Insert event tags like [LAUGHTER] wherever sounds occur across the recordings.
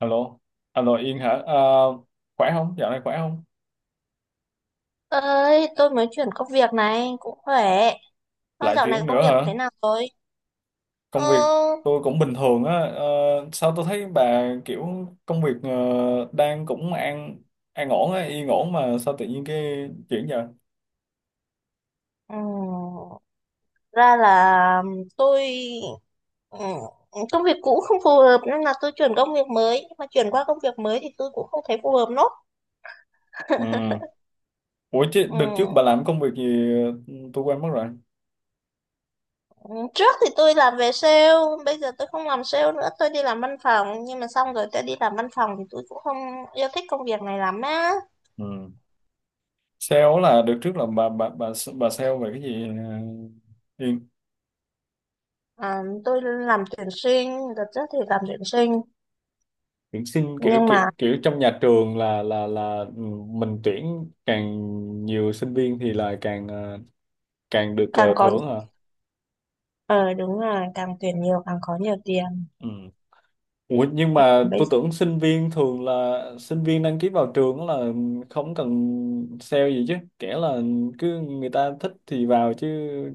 Alo, alo Yên hả? À, khỏe không? Dạo này khỏe không? Ơi, tôi mới chuyển công việc, này cũng khỏe. Con Lại dạo này chuyện công nữa việc hả? thế nào rồi? Ờ. Công việc tôi cũng bình thường á. Ờ, sao tôi thấy bà kiểu công việc đang cũng an ổn á, yên ổn mà sao tự nhiên cái chuyển vậy? ừm, Ra là tôi, ừm, công việc cũ không phù hợp nên là tôi chuyển công việc mới, nhưng mà chuyển qua công việc mới thì tôi cũng không thấy phù hợp nốt. Ừ. Ủa chứ đợt trước Ừm, bà làm công việc gì? Ừ, tôi quên mất rồi. trước thì tôi làm về sale. Bây giờ tôi không làm sale nữa, tôi đi làm văn phòng, nhưng mà xong rồi tôi đi làm văn phòng thì tôi cũng không yêu thích công việc này lắm á. Ừ. Sale là được, trước là bà sale về cái gì Yên? À, tôi làm tuyển sinh, đợt trước thì làm tuyển sinh Tuyển sinh, kiểu nhưng kiểu mà kiểu trong nhà trường, là mình tuyển càng nhiều sinh viên thì là càng, càng được càng có. thưởng hả? Ờ đúng rồi, càng tuyển nhiều càng có nhiều tiền. Ừ. Ủa, nhưng mà Bây tôi giờ... tưởng sinh viên thường là sinh viên đăng ký vào trường là không cần sale gì chứ, kể là cứ người ta thích thì vào chứ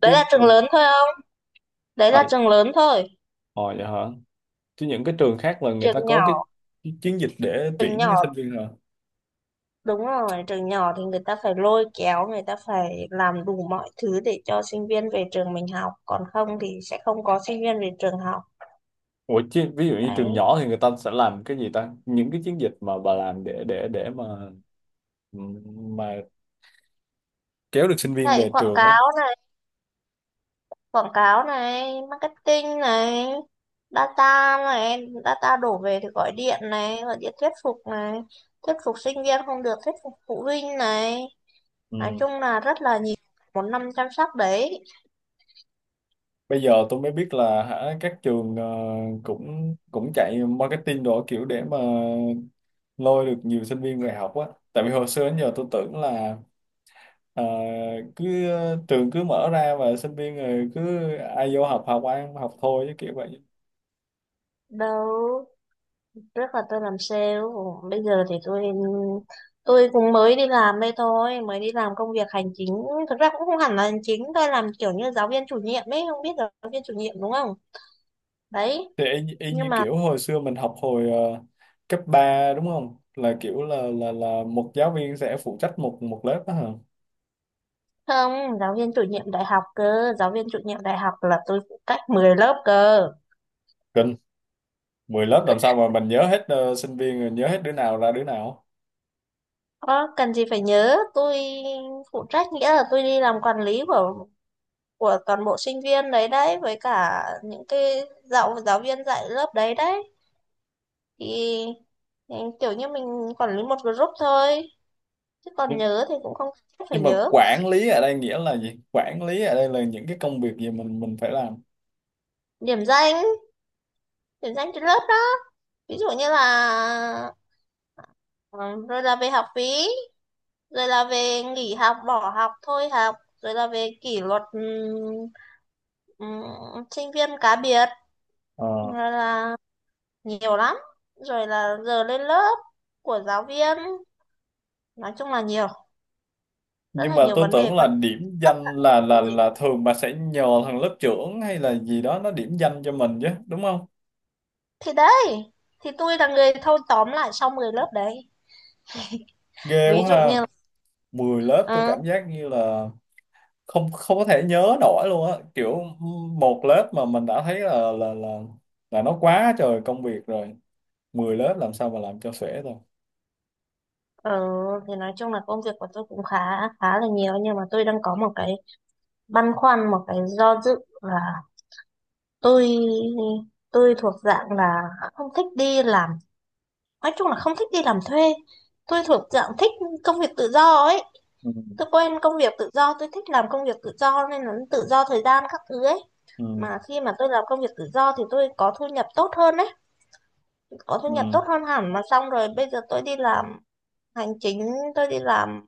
Đấy chứ là trường lớn thôi không? Đấy À, là trường lớn thôi. ờ vậy hả? Chứ những cái trường khác là người Trường ta có nhỏ, cái chiến dịch để trường tuyển nhỏ, sinh viên hả? đúng rồi, trường nhỏ thì người ta phải lôi kéo, người ta phải làm đủ mọi thứ để cho sinh viên về trường mình học. Còn không thì sẽ không có sinh viên về trường học. Ủa, chứ, ví dụ như trường Đấy. nhỏ thì người ta sẽ làm cái gì ta? Những cái chiến dịch mà bà làm để mà kéo được sinh viên Vậy về trường á. Quảng cáo này, marketing này, data đổ về thì gọi điện này, gọi điện thuyết phục này, thuyết phục sinh viên không được, thuyết phục phụ huynh này. Nói Ừ. chung là rất là nhiều, một năm chăm sóc đấy. Bây giờ tôi mới biết là, hả, các trường cũng cũng chạy marketing đồ, kiểu để mà lôi được nhiều sinh viên về học á. Tại vì hồi xưa đến giờ tôi tưởng là ờ, cứ trường cứ mở ra và sinh viên rồi cứ ai vô học, học ăn học thôi chứ, kiểu vậy. Đâu, trước là tôi làm sale, bây giờ thì tôi cũng mới đi làm đây thôi, mới đi làm công việc hành chính. Thực ra cũng không hẳn là hành chính, tôi làm kiểu như giáo viên chủ nhiệm ấy, không biết giáo viên chủ nhiệm đúng không. Đấy, Thì y nhưng như mà kiểu hồi xưa mình học hồi cấp ba, đúng không, là kiểu là là một giáo viên sẽ phụ trách một một lớp đó hả? không, giáo viên chủ nhiệm đại học cơ, giáo viên chủ nhiệm đại học là tôi phụ trách 10 lớp cơ. Kinh, 10 lớp làm sao mà mình nhớ hết sinh viên, rồi nhớ hết đứa nào ra đứa nào? Ờ, cần gì phải nhớ, tôi phụ trách nghĩa là tôi đi làm quản lý của toàn bộ sinh viên đấy đấy, với cả những cái giáo giáo viên dạy lớp đấy đấy. thì, thì kiểu như mình quản lý một group thôi, chứ còn nhưng, nhớ thì cũng không chắc phải nhưng mà nhớ. quản lý ở đây nghĩa là gì? Quản lý ở đây là những cái công việc gì mình phải làm? Điểm danh, điểm danh trên lớp đó, ví dụ như là, ừ, rồi là về học phí, rồi là về nghỉ học bỏ học thôi học, rồi là về kỷ luật, sinh viên cá biệt, Ờ. rồi là nhiều lắm, rồi là giờ lên lớp của giáo viên, nói chung là nhiều. Rất Nhưng là mà nhiều tôi vấn đề tưởng là quan, điểm tất cả danh các là vấn là đề. là thường bà sẽ nhờ thằng lớp trưởng hay là gì đó nó điểm danh cho mình chứ, đúng không? Thì đấy, thì tôi là người thâu tóm lại sau 10 lớp đấy, Ghê ví quá dụ ha. như là. Mười lớp tôi Ừ. cảm giác như là không không có thể nhớ nổi luôn á, kiểu một lớp mà mình đã thấy là nó quá trời công việc rồi, 10 lớp làm sao mà làm cho xuể thôi. Ừ, thì nói chung là công việc của tôi cũng khá, khá là nhiều. Nhưng mà tôi đang có một cái băn khoăn, một cái do dự là tôi tôi thuộc dạng là không thích đi làm, nói chung là không thích đi làm thuê. Tôi thuộc dạng thích công việc tự do ấy. Ừ, Tôi quen công việc tự do, tôi thích làm công việc tự do, nên là tự do thời gian các thứ ấy. ừ, Mà khi mà tôi làm công việc tự do thì tôi có thu nhập tốt hơn đấy, có thu nhập ừ, tốt hơn hẳn. Mà xong rồi bây giờ tôi đi làm hành chính, tôi đi làm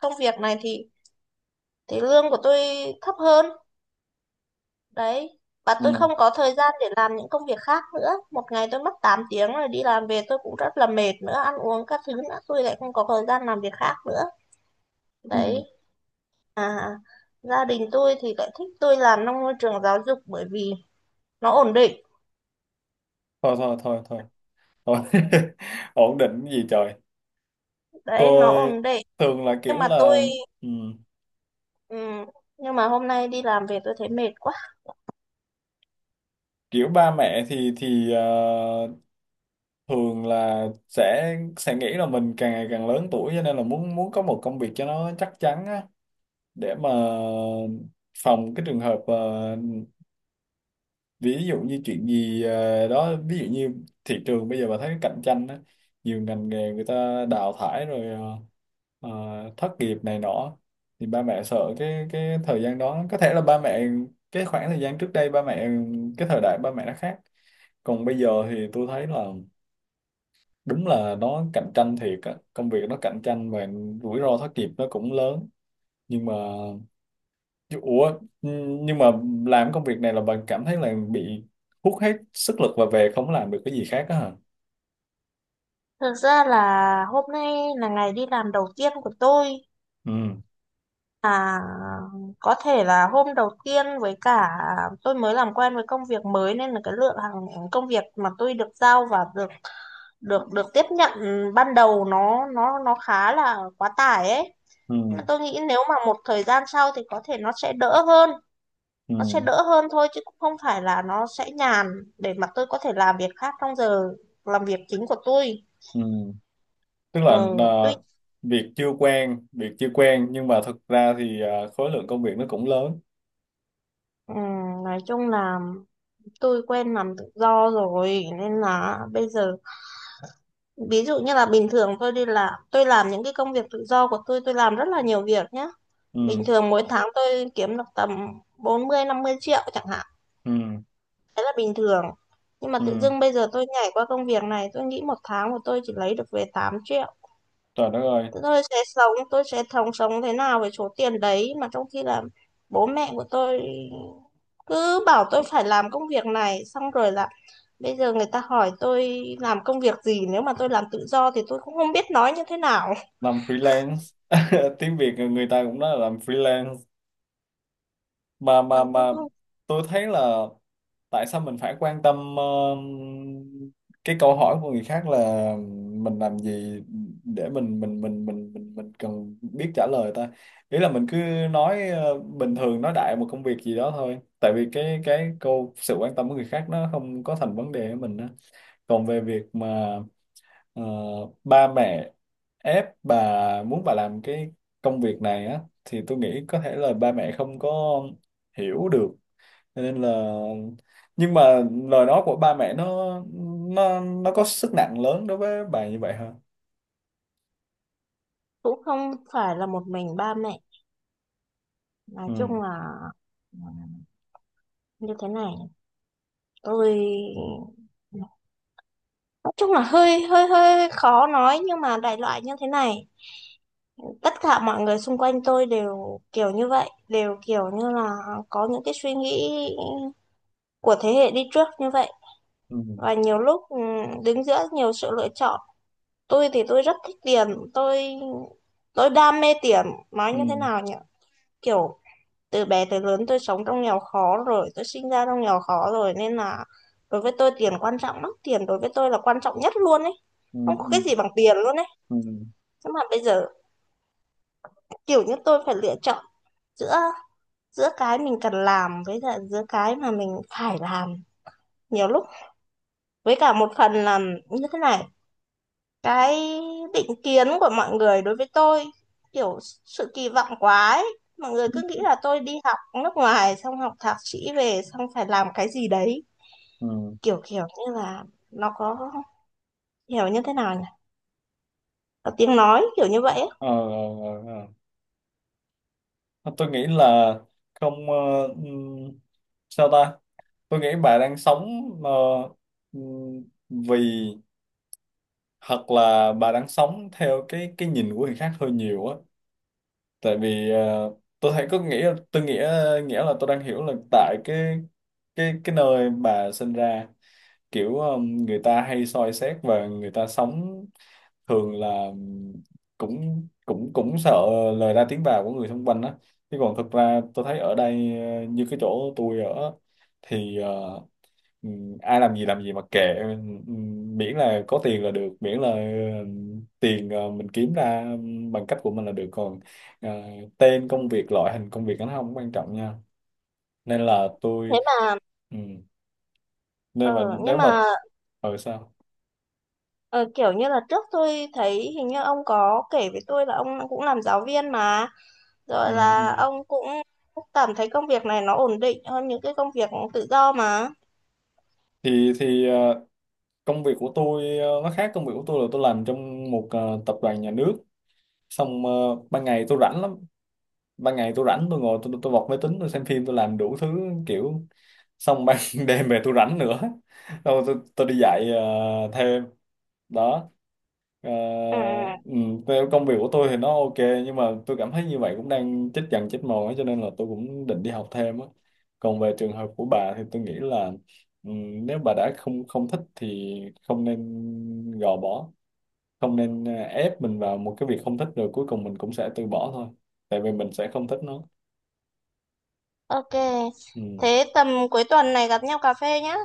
công việc này thì lương của tôi thấp hơn đấy. Và tôi ừ, không có thời gian để làm những công việc khác nữa. Một ngày tôi mất 8 tiếng rồi, đi làm về tôi cũng rất là mệt nữa, ăn uống các thứ nữa, tôi lại không có thời gian làm việc khác nữa. ừ. Đấy. À, gia đình tôi thì lại thích tôi làm trong môi trường giáo dục bởi vì nó ổn định. Thôi, thôi, thôi, thôi, thôi. [LAUGHS] Ổn định cái gì trời! Đấy, nó Tôi ổn định, thường là nhưng kiểu mà tôi. là, ừ, Ừ, nhưng mà hôm nay đi làm về tôi thấy mệt quá. kiểu ba mẹ thì thường là sẽ nghĩ là mình càng ngày càng lớn tuổi cho nên là muốn muốn có một công việc cho nó chắc chắn á, để mà phòng cái trường hợp ví dụ như chuyện gì đó, ví dụ như thị trường bây giờ bà thấy cạnh tranh á, nhiều ngành nghề người ta đào thải rồi, ờ, ờ, thất nghiệp này nọ, thì ba mẹ sợ cái thời gian đó, có thể là ba mẹ, cái khoảng thời gian trước đây ba mẹ, cái thời đại ba mẹ nó khác. Còn bây giờ thì tôi thấy là đúng là nó cạnh tranh thiệt á, công việc nó cạnh tranh và rủi ro thất nghiệp nó cũng lớn. Nhưng mà Ủa, nhưng mà làm công việc này là bạn cảm thấy là bị hút hết sức lực và về không làm được cái gì khác, đó hả? Thực ra là hôm nay là ngày đi làm đầu tiên của tôi. Ừ, À, có thể là hôm đầu tiên, với cả tôi mới làm quen với công việc mới nên là cái lượng hàng công việc mà tôi được giao và được được được tiếp nhận ban đầu nó khá là quá tải ấy. ừ, Mà tôi nghĩ nếu mà một thời gian sau thì có thể nó sẽ đỡ hơn, ừ, nó sẽ đỡ hơn thôi, chứ cũng không phải là nó sẽ nhàn để mà tôi có thể làm việc khác trong giờ làm việc chính của tôi. ừ. Tức Ờ, là tuy, việc chưa quen, nhưng mà thực ra thì khối lượng công việc nó cũng lớn. ừ, nói chung là tôi quen làm tự do rồi nên là bây giờ, ví dụ như là bình thường tôi đi làm tôi làm những cái công việc tự do của tôi làm rất là nhiều việc nhá. Ừ, Bình thường mỗi tháng tôi kiếm được tầm 40 50 triệu chẳng hạn, ừ, đấy là bình thường. Nhưng mà ừ. tự dưng bây giờ tôi nhảy qua công việc này, tôi nghĩ một tháng của tôi chỉ lấy được về 8 triệu. Trời đất ơi, Tôi sẽ sống, tôi sẽ thống sống thế nào với số tiền đấy, mà trong khi là bố mẹ của tôi cứ bảo tôi phải làm công việc này. Xong rồi là bây giờ người ta hỏi tôi làm công việc gì, nếu mà tôi làm tự do thì tôi cũng không biết nói như thế nào. làm freelance. [LAUGHS] Tiếng Việt người ta cũng nói là làm freelance. mà mà Ờ, tôi mà không, tôi thấy là tại sao mình phải quan tâm cái câu hỏi của người khác là mình làm gì, để mình cần biết trả lời ta? Ý là mình cứ nói bình thường, nói đại một công việc gì đó thôi, tại vì cái câu sự quan tâm của người khác nó không có thành vấn đề với mình á. Còn về việc mà Ờ, ba mẹ ép bà, muốn bà làm cái công việc này á, thì tôi nghĩ có thể là ba mẹ không có hiểu được. Cho nên là, nhưng mà lời nói của ba mẹ nó có sức nặng lớn đối với bà như vậy hả? cũng không phải là một mình ba mẹ, nói Ừ. chung là, ừ, như thế này. Tôi, nói chung là hơi hơi hơi khó nói, nhưng mà đại loại như thế này, tất cả mọi người xung quanh tôi đều kiểu như vậy, đều kiểu như là có những cái suy nghĩ của thế hệ đi trước như vậy. Ừ. Và nhiều lúc, đứng giữa nhiều sự lựa chọn, tôi thì tôi rất thích tiền, tôi tôi đam mê tiền. Nói như thế Ừ. nào nhỉ, kiểu từ bé tới lớn tôi sống trong nghèo khó rồi, tôi sinh ra trong nghèo khó rồi, nên là đối với tôi tiền quan trọng lắm, tiền đối với tôi là quan trọng nhất luôn ấy, Ừ. không có cái gì bằng tiền luôn ấy. Ừ. Nhưng mà bây giờ kiểu như tôi phải lựa chọn giữa, giữa cái mình cần làm với lại giữa cái mà mình phải làm. Nhiều lúc, với cả một phần là như thế này, cái định kiến của mọi người đối với tôi, kiểu sự kỳ vọng quá ấy. Mọi người Ừ. cứ nghĩ là tôi đi học nước ngoài xong học thạc sĩ về xong phải làm cái gì đấy, Ừ. kiểu kiểu như là nó có, hiểu như thế nào nhỉ, có tiếng nói kiểu như vậy ấy. Ờ, ờ, ờ, ờ. Tôi nghĩ là, không, ừm, sao ta? Tôi nghĩ bà đang sống ờ, ừm, vì, hoặc là bà đang sống theo cái nhìn của người khác hơi nhiều á, tại vì tôi thấy, có nghĩa, tôi nghĩa nghĩa là tôi đang hiểu là tại cái nơi bà sinh ra, kiểu người ta hay soi xét và người ta sống thường là cũng cũng cũng sợ lời ra tiếng vào của người xung quanh á. Chứ còn thực ra tôi thấy ở đây, như cái chỗ tôi ở, thì ừ, ai làm gì mà kệ, ừ, miễn là có tiền là được, miễn là ừ, tiền mình kiếm ra bằng cách của mình là được, còn ờ, tên công việc, loại hình công việc nó không quan trọng nha. Nên là tôi, Thế mà, ừ, nên mà ờ, nếu nhưng mà, mà, ở sao, ờ, kiểu như là trước tôi thấy hình như ông có kể với tôi là ông cũng làm giáo viên mà. ừ, Rồi là ừ. ông cũng cảm thấy công việc này nó ổn định hơn những cái công việc tự do mà. Thì công việc của tôi nó khác, công việc của tôi là tôi làm trong một tập đoàn nhà nước, xong ban ngày tôi rảnh lắm. Ban ngày tôi rảnh, tôi ngồi, tôi bật máy tính, tôi xem phim, tôi làm đủ thứ, kiểu, xong ban [LAUGHS] đêm về tôi rảnh nữa, tôi đi dạy thêm, đó. Ờ, Ừ, ừ, theo công việc của tôi thì nó ok, nhưng mà tôi cảm thấy như vậy cũng đang chết dần chết mòn ấy, cho nên là tôi cũng định đi học thêm á. Còn về trường hợp của bà thì tôi nghĩ là, ừ, nếu bà đã không không thích thì không nên gò bó, không nên ép mình vào một cái việc không thích rồi cuối cùng mình cũng sẽ từ bỏ thôi, tại vì mình sẽ không thích nó. ok. Ừ. Thế tầm cuối tuần này gặp nhau cà phê nhá.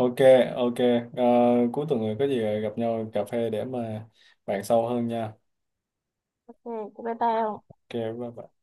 Ok, ok. Ờ, cuối tuần này có gì gặp nhau cà phê để mà bàn sâu hơn nha. Ừ, bye bye ông. Ok, bye bye.